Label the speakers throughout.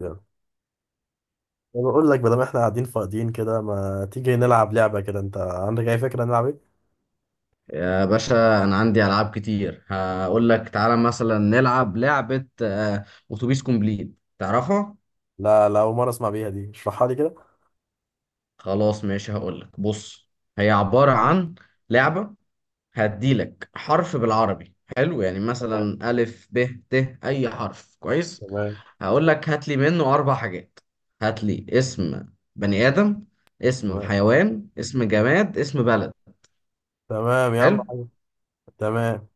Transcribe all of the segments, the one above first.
Speaker 1: يلا. انا بقول لك، بدل ما احنا قاعدين فاضيين كده، ما تيجي نلعب لعبة كده؟ انت عندك اي فكرة نلعب ايه؟
Speaker 2: يا باشا انا عندي العاب كتير هقول لك تعالى مثلا نلعب لعبة اتوبيس كومبليت تعرفها.
Speaker 1: لا لا، اول مرة اسمع بيها دي، اشرحها لي كده.
Speaker 2: خلاص ماشي، هقول لك بص، هي عبارة عن لعبة. هديلك حرف بالعربي حلو، يعني
Speaker 1: تمام
Speaker 2: مثلا ألف ب ت أي حرف كويس.
Speaker 1: تمام
Speaker 2: هقول لك هات لي منه أربع حاجات: هات لي اسم بني آدم، اسم
Speaker 1: تمام
Speaker 2: حيوان، اسم جماد، اسم بلد.
Speaker 1: تمام يا عم
Speaker 2: حلو.
Speaker 1: حاج. تمام.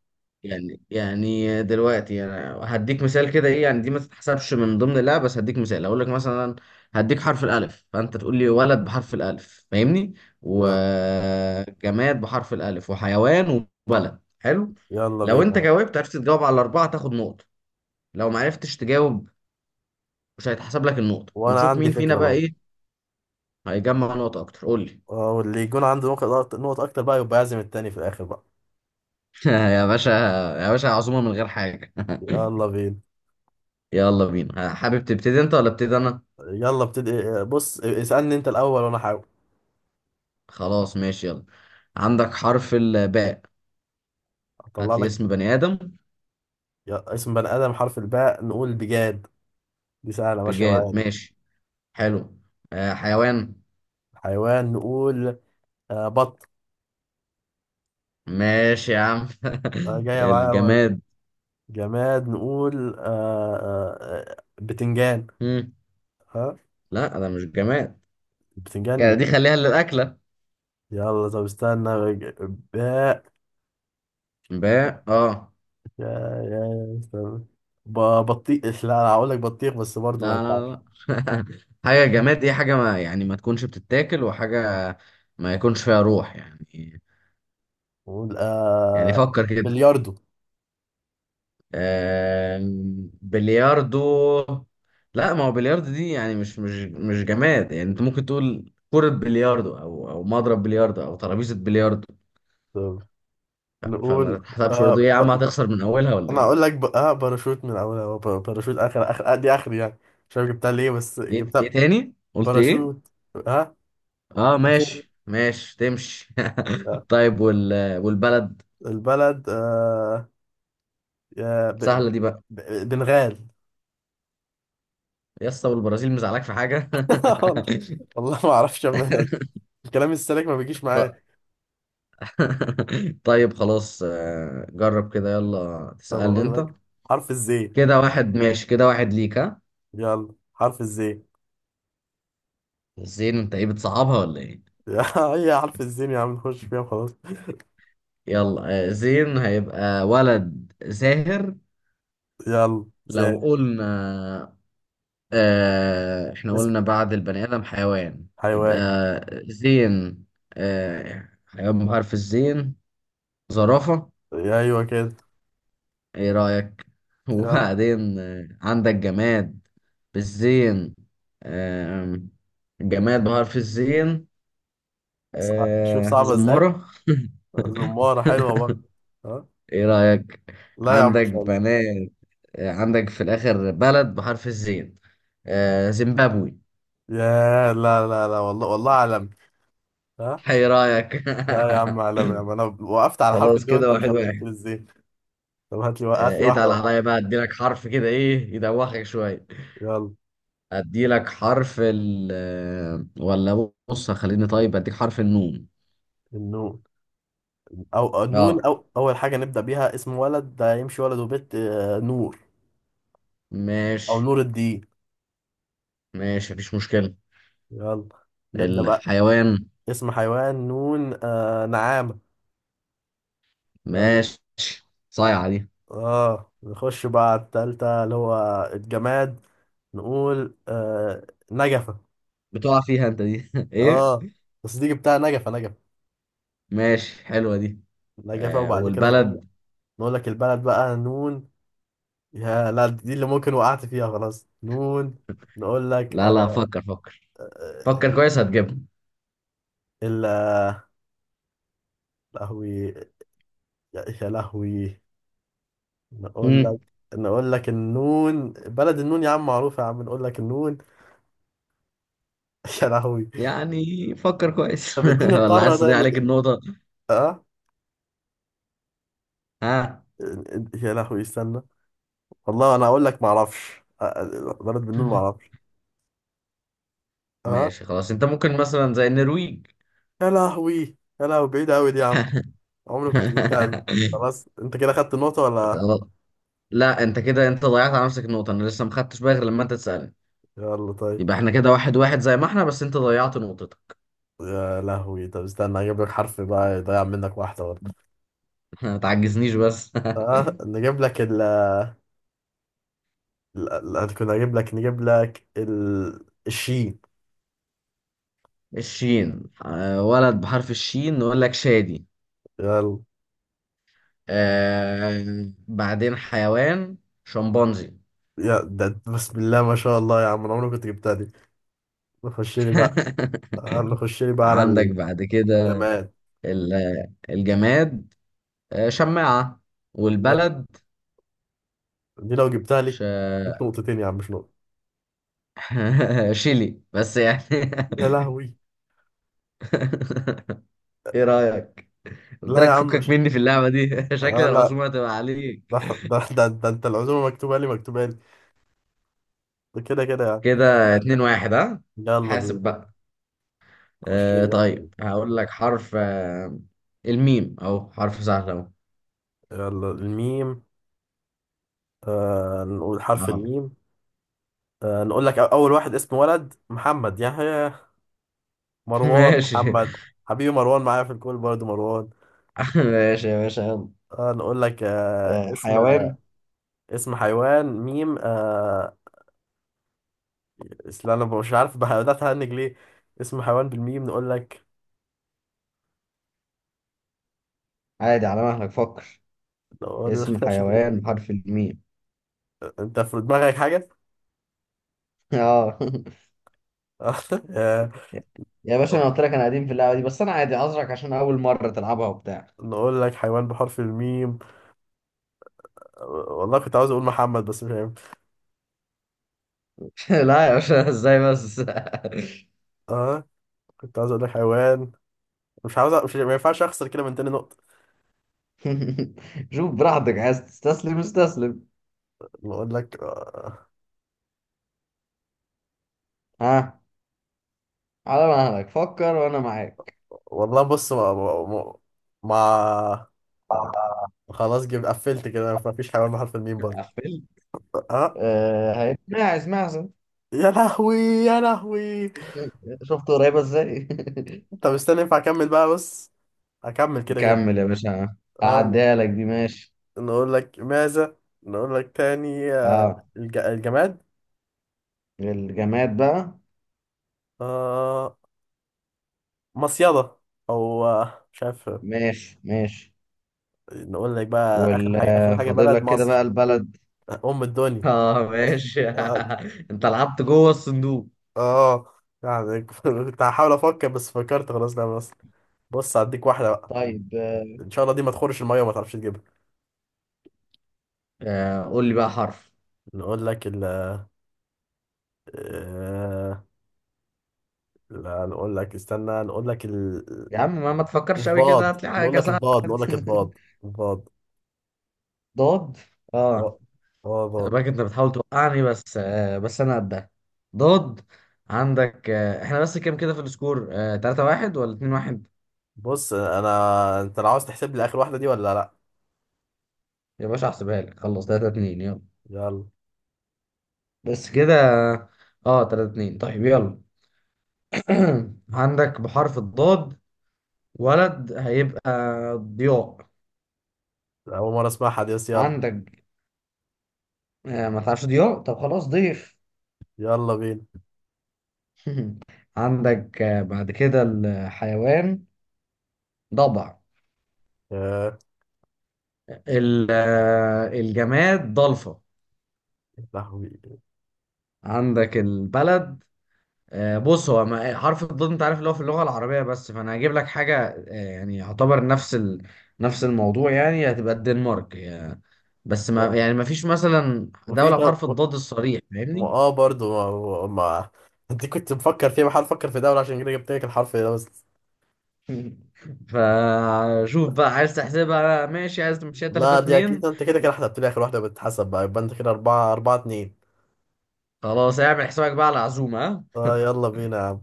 Speaker 2: يعني دلوقتي انا هديك مثال كده، ايه يعني دي ما تتحسبش من ضمن، لا بس هديك مثال اقول لك مثلا هديك حرف الالف فانت تقول لي ولد بحرف الالف، فاهمني،
Speaker 1: يلا
Speaker 2: وجماد بحرف الالف وحيوان وبلد. حلو.
Speaker 1: يلا
Speaker 2: لو انت
Speaker 1: بينا.
Speaker 2: جاوبت عرفت تجاوب على الاربعه تاخد نقطه، لو ما عرفتش تجاوب مش هيتحسب لك النقطه،
Speaker 1: وانا
Speaker 2: ونشوف
Speaker 1: عندي
Speaker 2: مين فينا
Speaker 1: فكرة
Speaker 2: بقى
Speaker 1: برضه.
Speaker 2: ايه هيجمع نقطه اكتر. قول لي.
Speaker 1: اه، واللي يكون عنده نقط نقط اكتر بقى، يبقى يعزم التاني في الاخر بقى.
Speaker 2: يا باشا، يا باشا عزومه من غير حاجه؟
Speaker 1: يلا بينا.
Speaker 2: يلا بينا. حابب تبتدي انت ولا ابتدي انا؟
Speaker 1: يلا ابتدي. بص اسألني انت الاول وانا احاول
Speaker 2: خلاص ماشي، يلا. عندك حرف الباء.
Speaker 1: اطلع
Speaker 2: هات لي
Speaker 1: لك.
Speaker 2: اسم بني آدم.
Speaker 1: اسم بني ادم حرف الباء، نقول بجاد. دي سهلة ماشية معايا
Speaker 2: بجاد،
Speaker 1: دي.
Speaker 2: ماشي، حلو. آه، حيوان.
Speaker 1: حيوان نقول بط.
Speaker 2: ماشي يا عم.
Speaker 1: جاية معايا برضه.
Speaker 2: الجماد.
Speaker 1: جماد نقول آه آه، بتنجان.
Speaker 2: مم.
Speaker 1: ها.
Speaker 2: لا ده مش جماد، كده
Speaker 1: بتنجان.
Speaker 2: دي خليها للأكلة.
Speaker 1: يلا طب استنى، باء.
Speaker 2: باء، اه.
Speaker 1: يا استنى. ب- بطيخ. لا انا هقول لك بطيخ بس برضه ما
Speaker 2: لا
Speaker 1: ينفعش.
Speaker 2: لا لا. حاجة جماد دي حاجة ما يعني ما تكونش بتتاكل وحاجة، ما يكونش فيها روح يعني.
Speaker 1: نقول
Speaker 2: يعني فكر كده.
Speaker 1: بلياردو.
Speaker 2: بلياردو. لا، ما هو بلياردو دي يعني مش جماد، يعني انت ممكن تقول كرة بلياردو او مضرب بلياردو او ترابيزة بلياردو.
Speaker 1: طب.
Speaker 2: فما
Speaker 1: نقول
Speaker 2: تحسبش
Speaker 1: آه
Speaker 2: برضه. ايه يا عم،
Speaker 1: ب...
Speaker 2: هتخسر من اولها ولا
Speaker 1: انا
Speaker 2: ايه؟
Speaker 1: هقول لك ب... آه باراشوت من اولها، هو باراشوت. اخر اخر دي اخري يعني. مش عارف جبتها ليه بس
Speaker 2: ايه
Speaker 1: جبتها.
Speaker 2: تاني؟ قلت ايه؟
Speaker 1: باراشوت. ها.
Speaker 2: اه
Speaker 1: باراشوت.
Speaker 2: ماشي ماشي، تمشي.
Speaker 1: آه؟
Speaker 2: طيب والبلد.
Speaker 1: البلد، يا
Speaker 2: سهلة دي بقى.
Speaker 1: ب... بالغال.
Speaker 2: يا اسطى والبرازيل مزعلاك في حاجة؟
Speaker 1: والله. والله ما اعرفش يا ابني أنا، الكلام السالك ما بيجيش
Speaker 2: ط-
Speaker 1: معايا.
Speaker 2: طيب خلاص، جرب كده، يلا
Speaker 1: طب
Speaker 2: تسألني
Speaker 1: اقول
Speaker 2: انت.
Speaker 1: لك حرف الزين.
Speaker 2: كده واحد ماشي، كده واحد ليك، ها.
Speaker 1: يلا حرف الزين.
Speaker 2: زين، انت ايه بتصعبها ولا ايه؟
Speaker 1: هي حرف الزين يا عم، نخش فيها وخلاص.
Speaker 2: يلا، زين هيبقى ولد زاهر.
Speaker 1: يلا زين.
Speaker 2: لو قلنا، آه احنا
Speaker 1: اسم
Speaker 2: قلنا بعد البني ادم حيوان. يبقى
Speaker 1: حيوان.
Speaker 2: زين، آه حيوان بحرف الزين، زرافة.
Speaker 1: ايوه كده.
Speaker 2: ايه رأيك؟
Speaker 1: يلا.
Speaker 2: وبعدين عندك جماد بالزين. آه جماد بحرف الزين،
Speaker 1: شوف
Speaker 2: آه
Speaker 1: صعبة ازاي.
Speaker 2: زمرة.
Speaker 1: زمارة حلوة برضه. ها.
Speaker 2: ايه رأيك؟
Speaker 1: لا يا عم، ما
Speaker 2: عندك
Speaker 1: شاء الله.
Speaker 2: بنات. عندك في الآخر بلد بحرف الزين، زيمبابوي.
Speaker 1: يا لا لا لا، والله والله عالمي. ها.
Speaker 2: ايه رأيك؟
Speaker 1: لا يا عم، عالمي يا عم، انا وقفت على حرف
Speaker 2: خلاص،
Speaker 1: الدي
Speaker 2: كده
Speaker 1: وانت ما
Speaker 2: واحد
Speaker 1: شاء الله جبت
Speaker 2: واحد.
Speaker 1: لي الزين. طب هات لي واحدة
Speaker 2: اتقل
Speaker 1: بقى.
Speaker 2: عليا بقى، اديلك حرف كده ايه يدوخك شوية.
Speaker 1: يلا.
Speaker 2: اديلك حرف ال آه، ولا بص خليني طيب اديك حرف النون.
Speaker 1: النوم. او أو نقول
Speaker 2: اه
Speaker 1: أو اول حاجه نبدا بيها اسم ولد ده هيمشي، ولد وبنت، نور. او
Speaker 2: ماشي،
Speaker 1: نور الدين.
Speaker 2: ماشي، مفيش مشكلة.
Speaker 1: يلا نبدا بقى.
Speaker 2: الحيوان.
Speaker 1: اسم حيوان، نون، نعامه. يلا.
Speaker 2: ماشي، صايعة دي.
Speaker 1: اه نخش بقى على التالتة، اللي هو الجماد. نقول نجفه.
Speaker 2: بتقع فيها انت دي. ايه،
Speaker 1: اه بس دي جبتها، نجفه نجفه.
Speaker 2: ماشي، حلوة دي.
Speaker 1: نجفه.
Speaker 2: آه،
Speaker 1: وبعد كده نقول،
Speaker 2: والبلد.
Speaker 1: نقول لك البلد بقى نون. يا لا، دي اللي ممكن وقعت فيها، خلاص نون. نقول لك
Speaker 2: لا لا،
Speaker 1: آه
Speaker 2: فكر، فكر.
Speaker 1: آه،
Speaker 2: فكر كويس هتجيبها.
Speaker 1: ال آه، لهوي. يا لهوي. نقول لك،
Speaker 2: امم
Speaker 1: نقول لك النون بلد، النون يا عم معروفة يا عم، نقول لك النون. يا لهوي.
Speaker 2: يعني فكر كويس.
Speaker 1: طب اديني
Speaker 2: ولا
Speaker 1: القارة
Speaker 2: عايز تضيع عليك
Speaker 1: طيب.
Speaker 2: النقطة؟
Speaker 1: اه.
Speaker 2: ها.
Speaker 1: يا لهوي استنى. والله انا اقول لك ما اعرفش، بلد بالنون ما اعرفش. اه.
Speaker 2: ماشي خلاص، انت ممكن مثلا زي النرويج.
Speaker 1: يا لهوي. يا لهوي بعيدة قوي دي يا عم. عمري ما كنت جبتها دي. خلاص انت كده خدت النقطة ولا؟
Speaker 2: خلاص. لا انت كده انت ضيعت على نفسك النقطة، انا لسه ما خدتش بالي غير لما انت تسألني.
Speaker 1: يلا طيب.
Speaker 2: يبقى احنا كده واحد واحد زي ما احنا، بس انت ضيعت نقطتك.
Speaker 1: يا لهوي، طب استنى اجيب لك حرف بقى يضيع منك واحدة برضه.
Speaker 2: ما تعجزنيش بس.
Speaker 1: اه نجيب لك ال. كنا اجيب لك نجيب لك الشين.
Speaker 2: الشين. ولد بحرف الشين، نقول لك شادي.
Speaker 1: يلا.
Speaker 2: آه بعدين حيوان، شمبانزي.
Speaker 1: يا ده أنت، بسم الله ما شاء الله يا عم، انا عمري ما كنت جبتها دي. نخش لي بقى. نخش لي بقى على
Speaker 2: عندك بعد كده
Speaker 1: الجماد.
Speaker 2: الجماد. شماعة.
Speaker 1: يا-
Speaker 2: والبلد.
Speaker 1: دي لو جبتها
Speaker 2: ش...
Speaker 1: لي، جبت نقطتين يا عم مش نقطة.
Speaker 2: شيلي بس يعني.
Speaker 1: يا لهوي.
Speaker 2: ايه رأيك؟ قلت
Speaker 1: لا يا
Speaker 2: لك
Speaker 1: عم
Speaker 2: فكك
Speaker 1: مش،
Speaker 2: مني في اللعبة دي. شكل
Speaker 1: لا،
Speaker 2: العزومة هتبقى عليك.
Speaker 1: ده، ده انت العزومة مكتوبة لي، مكتوبة لي. ده كده كده يعني.
Speaker 2: كده اتنين واحد، ها؟
Speaker 1: يلا
Speaker 2: حاسب
Speaker 1: بينا.
Speaker 2: بقى.
Speaker 1: خش
Speaker 2: آه
Speaker 1: لي بقى
Speaker 2: طيب
Speaker 1: فين.
Speaker 2: هقول لك حرف الميم، اهو حرف سهل اهو.
Speaker 1: يلا الميم. نقول حرف
Speaker 2: اه.
Speaker 1: الميم. نقول لك اول واحد، اسم ولد محمد يحيى، مروان
Speaker 2: ماشي.
Speaker 1: محمد. حبيبي مروان معايا في الكول برضه، مروان.
Speaker 2: ماشي يا باشا، يلا.
Speaker 1: نقول لك،
Speaker 2: آه،
Speaker 1: اسم.
Speaker 2: حيوان.
Speaker 1: اسم حيوان، ميم، اصل انا مش عارف، بدأت اهنج ليه. اسم حيوان بالميم، نقول لك.
Speaker 2: عادي، على مهلك فكر.
Speaker 1: نقول لك.
Speaker 2: اسم حيوان بحرف الميم.
Speaker 1: انت في دماغك حاجة.
Speaker 2: اه
Speaker 1: آه.
Speaker 2: يا باشا انا قلت لك انا قديم في اللعبه دي، بس انا عادي عذرك عشان اول مره تلعبها وبتاع.
Speaker 1: نقول لك حيوان بحرف الميم. والله كنت عاوز اقول محمد بس مش هينفع.
Speaker 2: لا يا باشا، ازاي بس.
Speaker 1: اه كنت عاوز اقول لك حيوان. مش عاوز، مش، ما ينفعش اخسر كده من تاني نقطة.
Speaker 2: شوف براحتك، عايز تستسلم استسلم.
Speaker 1: نقول لك آه.
Speaker 2: ها. على مهلك فكر وانا معاك.
Speaker 1: والله بص، ما- خلاص جبت، قفلت كده، ما فيش حيوان بحرف الميم برضه.
Speaker 2: قفل.
Speaker 1: اه.
Speaker 2: آه ماعز، ماعز.
Speaker 1: يا لهوي يا لهوي.
Speaker 2: شفت قريبه ازاي.
Speaker 1: طب استنى ينفع اكمل بقى، بص هكمل كده كده.
Speaker 2: كمل يا باشا،
Speaker 1: آه
Speaker 2: هعديها لك دي، ماشي.
Speaker 1: نقول لك ماذا. نقول لك تاني،
Speaker 2: اه،
Speaker 1: الجماد.
Speaker 2: الجماد بقى.
Speaker 1: آه، مصيدة. او مش عارف.
Speaker 2: ماشي، ماشي.
Speaker 1: نقول لك بقى اخر
Speaker 2: وال
Speaker 1: حاجة، اخر
Speaker 2: آه،
Speaker 1: حاجة،
Speaker 2: فاضل
Speaker 1: بلد
Speaker 2: لك كده
Speaker 1: مصر.
Speaker 2: بقى البلد.
Speaker 1: ام الدنيا.
Speaker 2: اه
Speaker 1: مصر.
Speaker 2: ماشي.
Speaker 1: اه.
Speaker 2: انت لعبت جوه الصندوق.
Speaker 1: آه، يعني كنت هحاول افكر بس فكرت خلاص، لا مصر. بص هديك واحدة بقى.
Speaker 2: طيب
Speaker 1: ان شاء الله دي ما تخورش المية وما تعرفش تجيبها.
Speaker 2: آه قول لي بقى حرف.
Speaker 1: نقول لك ال، آه، لا نقول لك، استنى، نقول لك
Speaker 2: يا عم ما تفكرش قوي كده،
Speaker 1: الباض.
Speaker 2: هات لي
Speaker 1: نقول
Speaker 2: حاجه
Speaker 1: لك
Speaker 2: سهله.
Speaker 1: الباض، نقول لك الباض. الباض.
Speaker 2: ضاد، اه.
Speaker 1: اه. اه
Speaker 2: خلي
Speaker 1: باض.
Speaker 2: بالك انت بتحاول توقعني، بس آه بس انا قدها. ضاد. عندك آه، احنا بس كام كده في السكور؟ آه 3-1 ولا 2-1؟
Speaker 1: بص انت لو عاوز تحسب لي اخر واحده دي ولا لا.
Speaker 2: يا باشا احسبها لك، خلص 3-2، يلا.
Speaker 1: يلا.
Speaker 2: بس كده. اه 3-2، طيب يلا. عندك بحرف الضاد ولد، هيبقى ضياء.
Speaker 1: اول مره اسمعها دي بس يلا.
Speaker 2: عندك آه، ما تعرفش ضياء؟ طب خلاص ضيف.
Speaker 1: يلا بينا.
Speaker 2: عندك آه، بعد كده الحيوان، ضبع.
Speaker 1: يا
Speaker 2: الجماد، ضلفة.
Speaker 1: لهوي.
Speaker 2: عندك البلد، بص هو حرف الضاد انت عارف اللي هو في اللغة العربية بس، فانا هجيب لك حاجة يعني يعتبر نفس نفس الموضوع، يعني هتبقى الدنمارك يعني، بس ما
Speaker 1: يا-
Speaker 2: يعني ما فيش مثلا
Speaker 1: مفيش
Speaker 2: دولة
Speaker 1: دولة
Speaker 2: بحرف الضاد الصريح، فاهمني.
Speaker 1: اه برضو. ما... ما... انت كنت مفكر فيها، بحاول افكر في دولة عشان كده جبت لك الحرف ده بس.
Speaker 2: فشوف
Speaker 1: لا.
Speaker 2: بقى، عايز تحسبها ماشي، عايز تمشيها 3
Speaker 1: لا، دي اكيد
Speaker 2: 2
Speaker 1: انت كده كده حسبت لي اخر واحده، بتتحسب بقى، يبقى انت كده اربعة اربعة اتنين.
Speaker 2: خلاص اعمل حسابك بقى على العزومة، ها؟
Speaker 1: اه يلا بينا يا عم.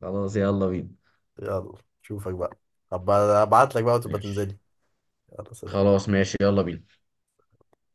Speaker 2: خلاص يلا بينا.
Speaker 1: يلا. شوفك بقى. هبقى ابعت لك بقى وتبقى
Speaker 2: ماشي
Speaker 1: تنزلي. يلا سلام.
Speaker 2: خلاص، ماشي يلا بينا.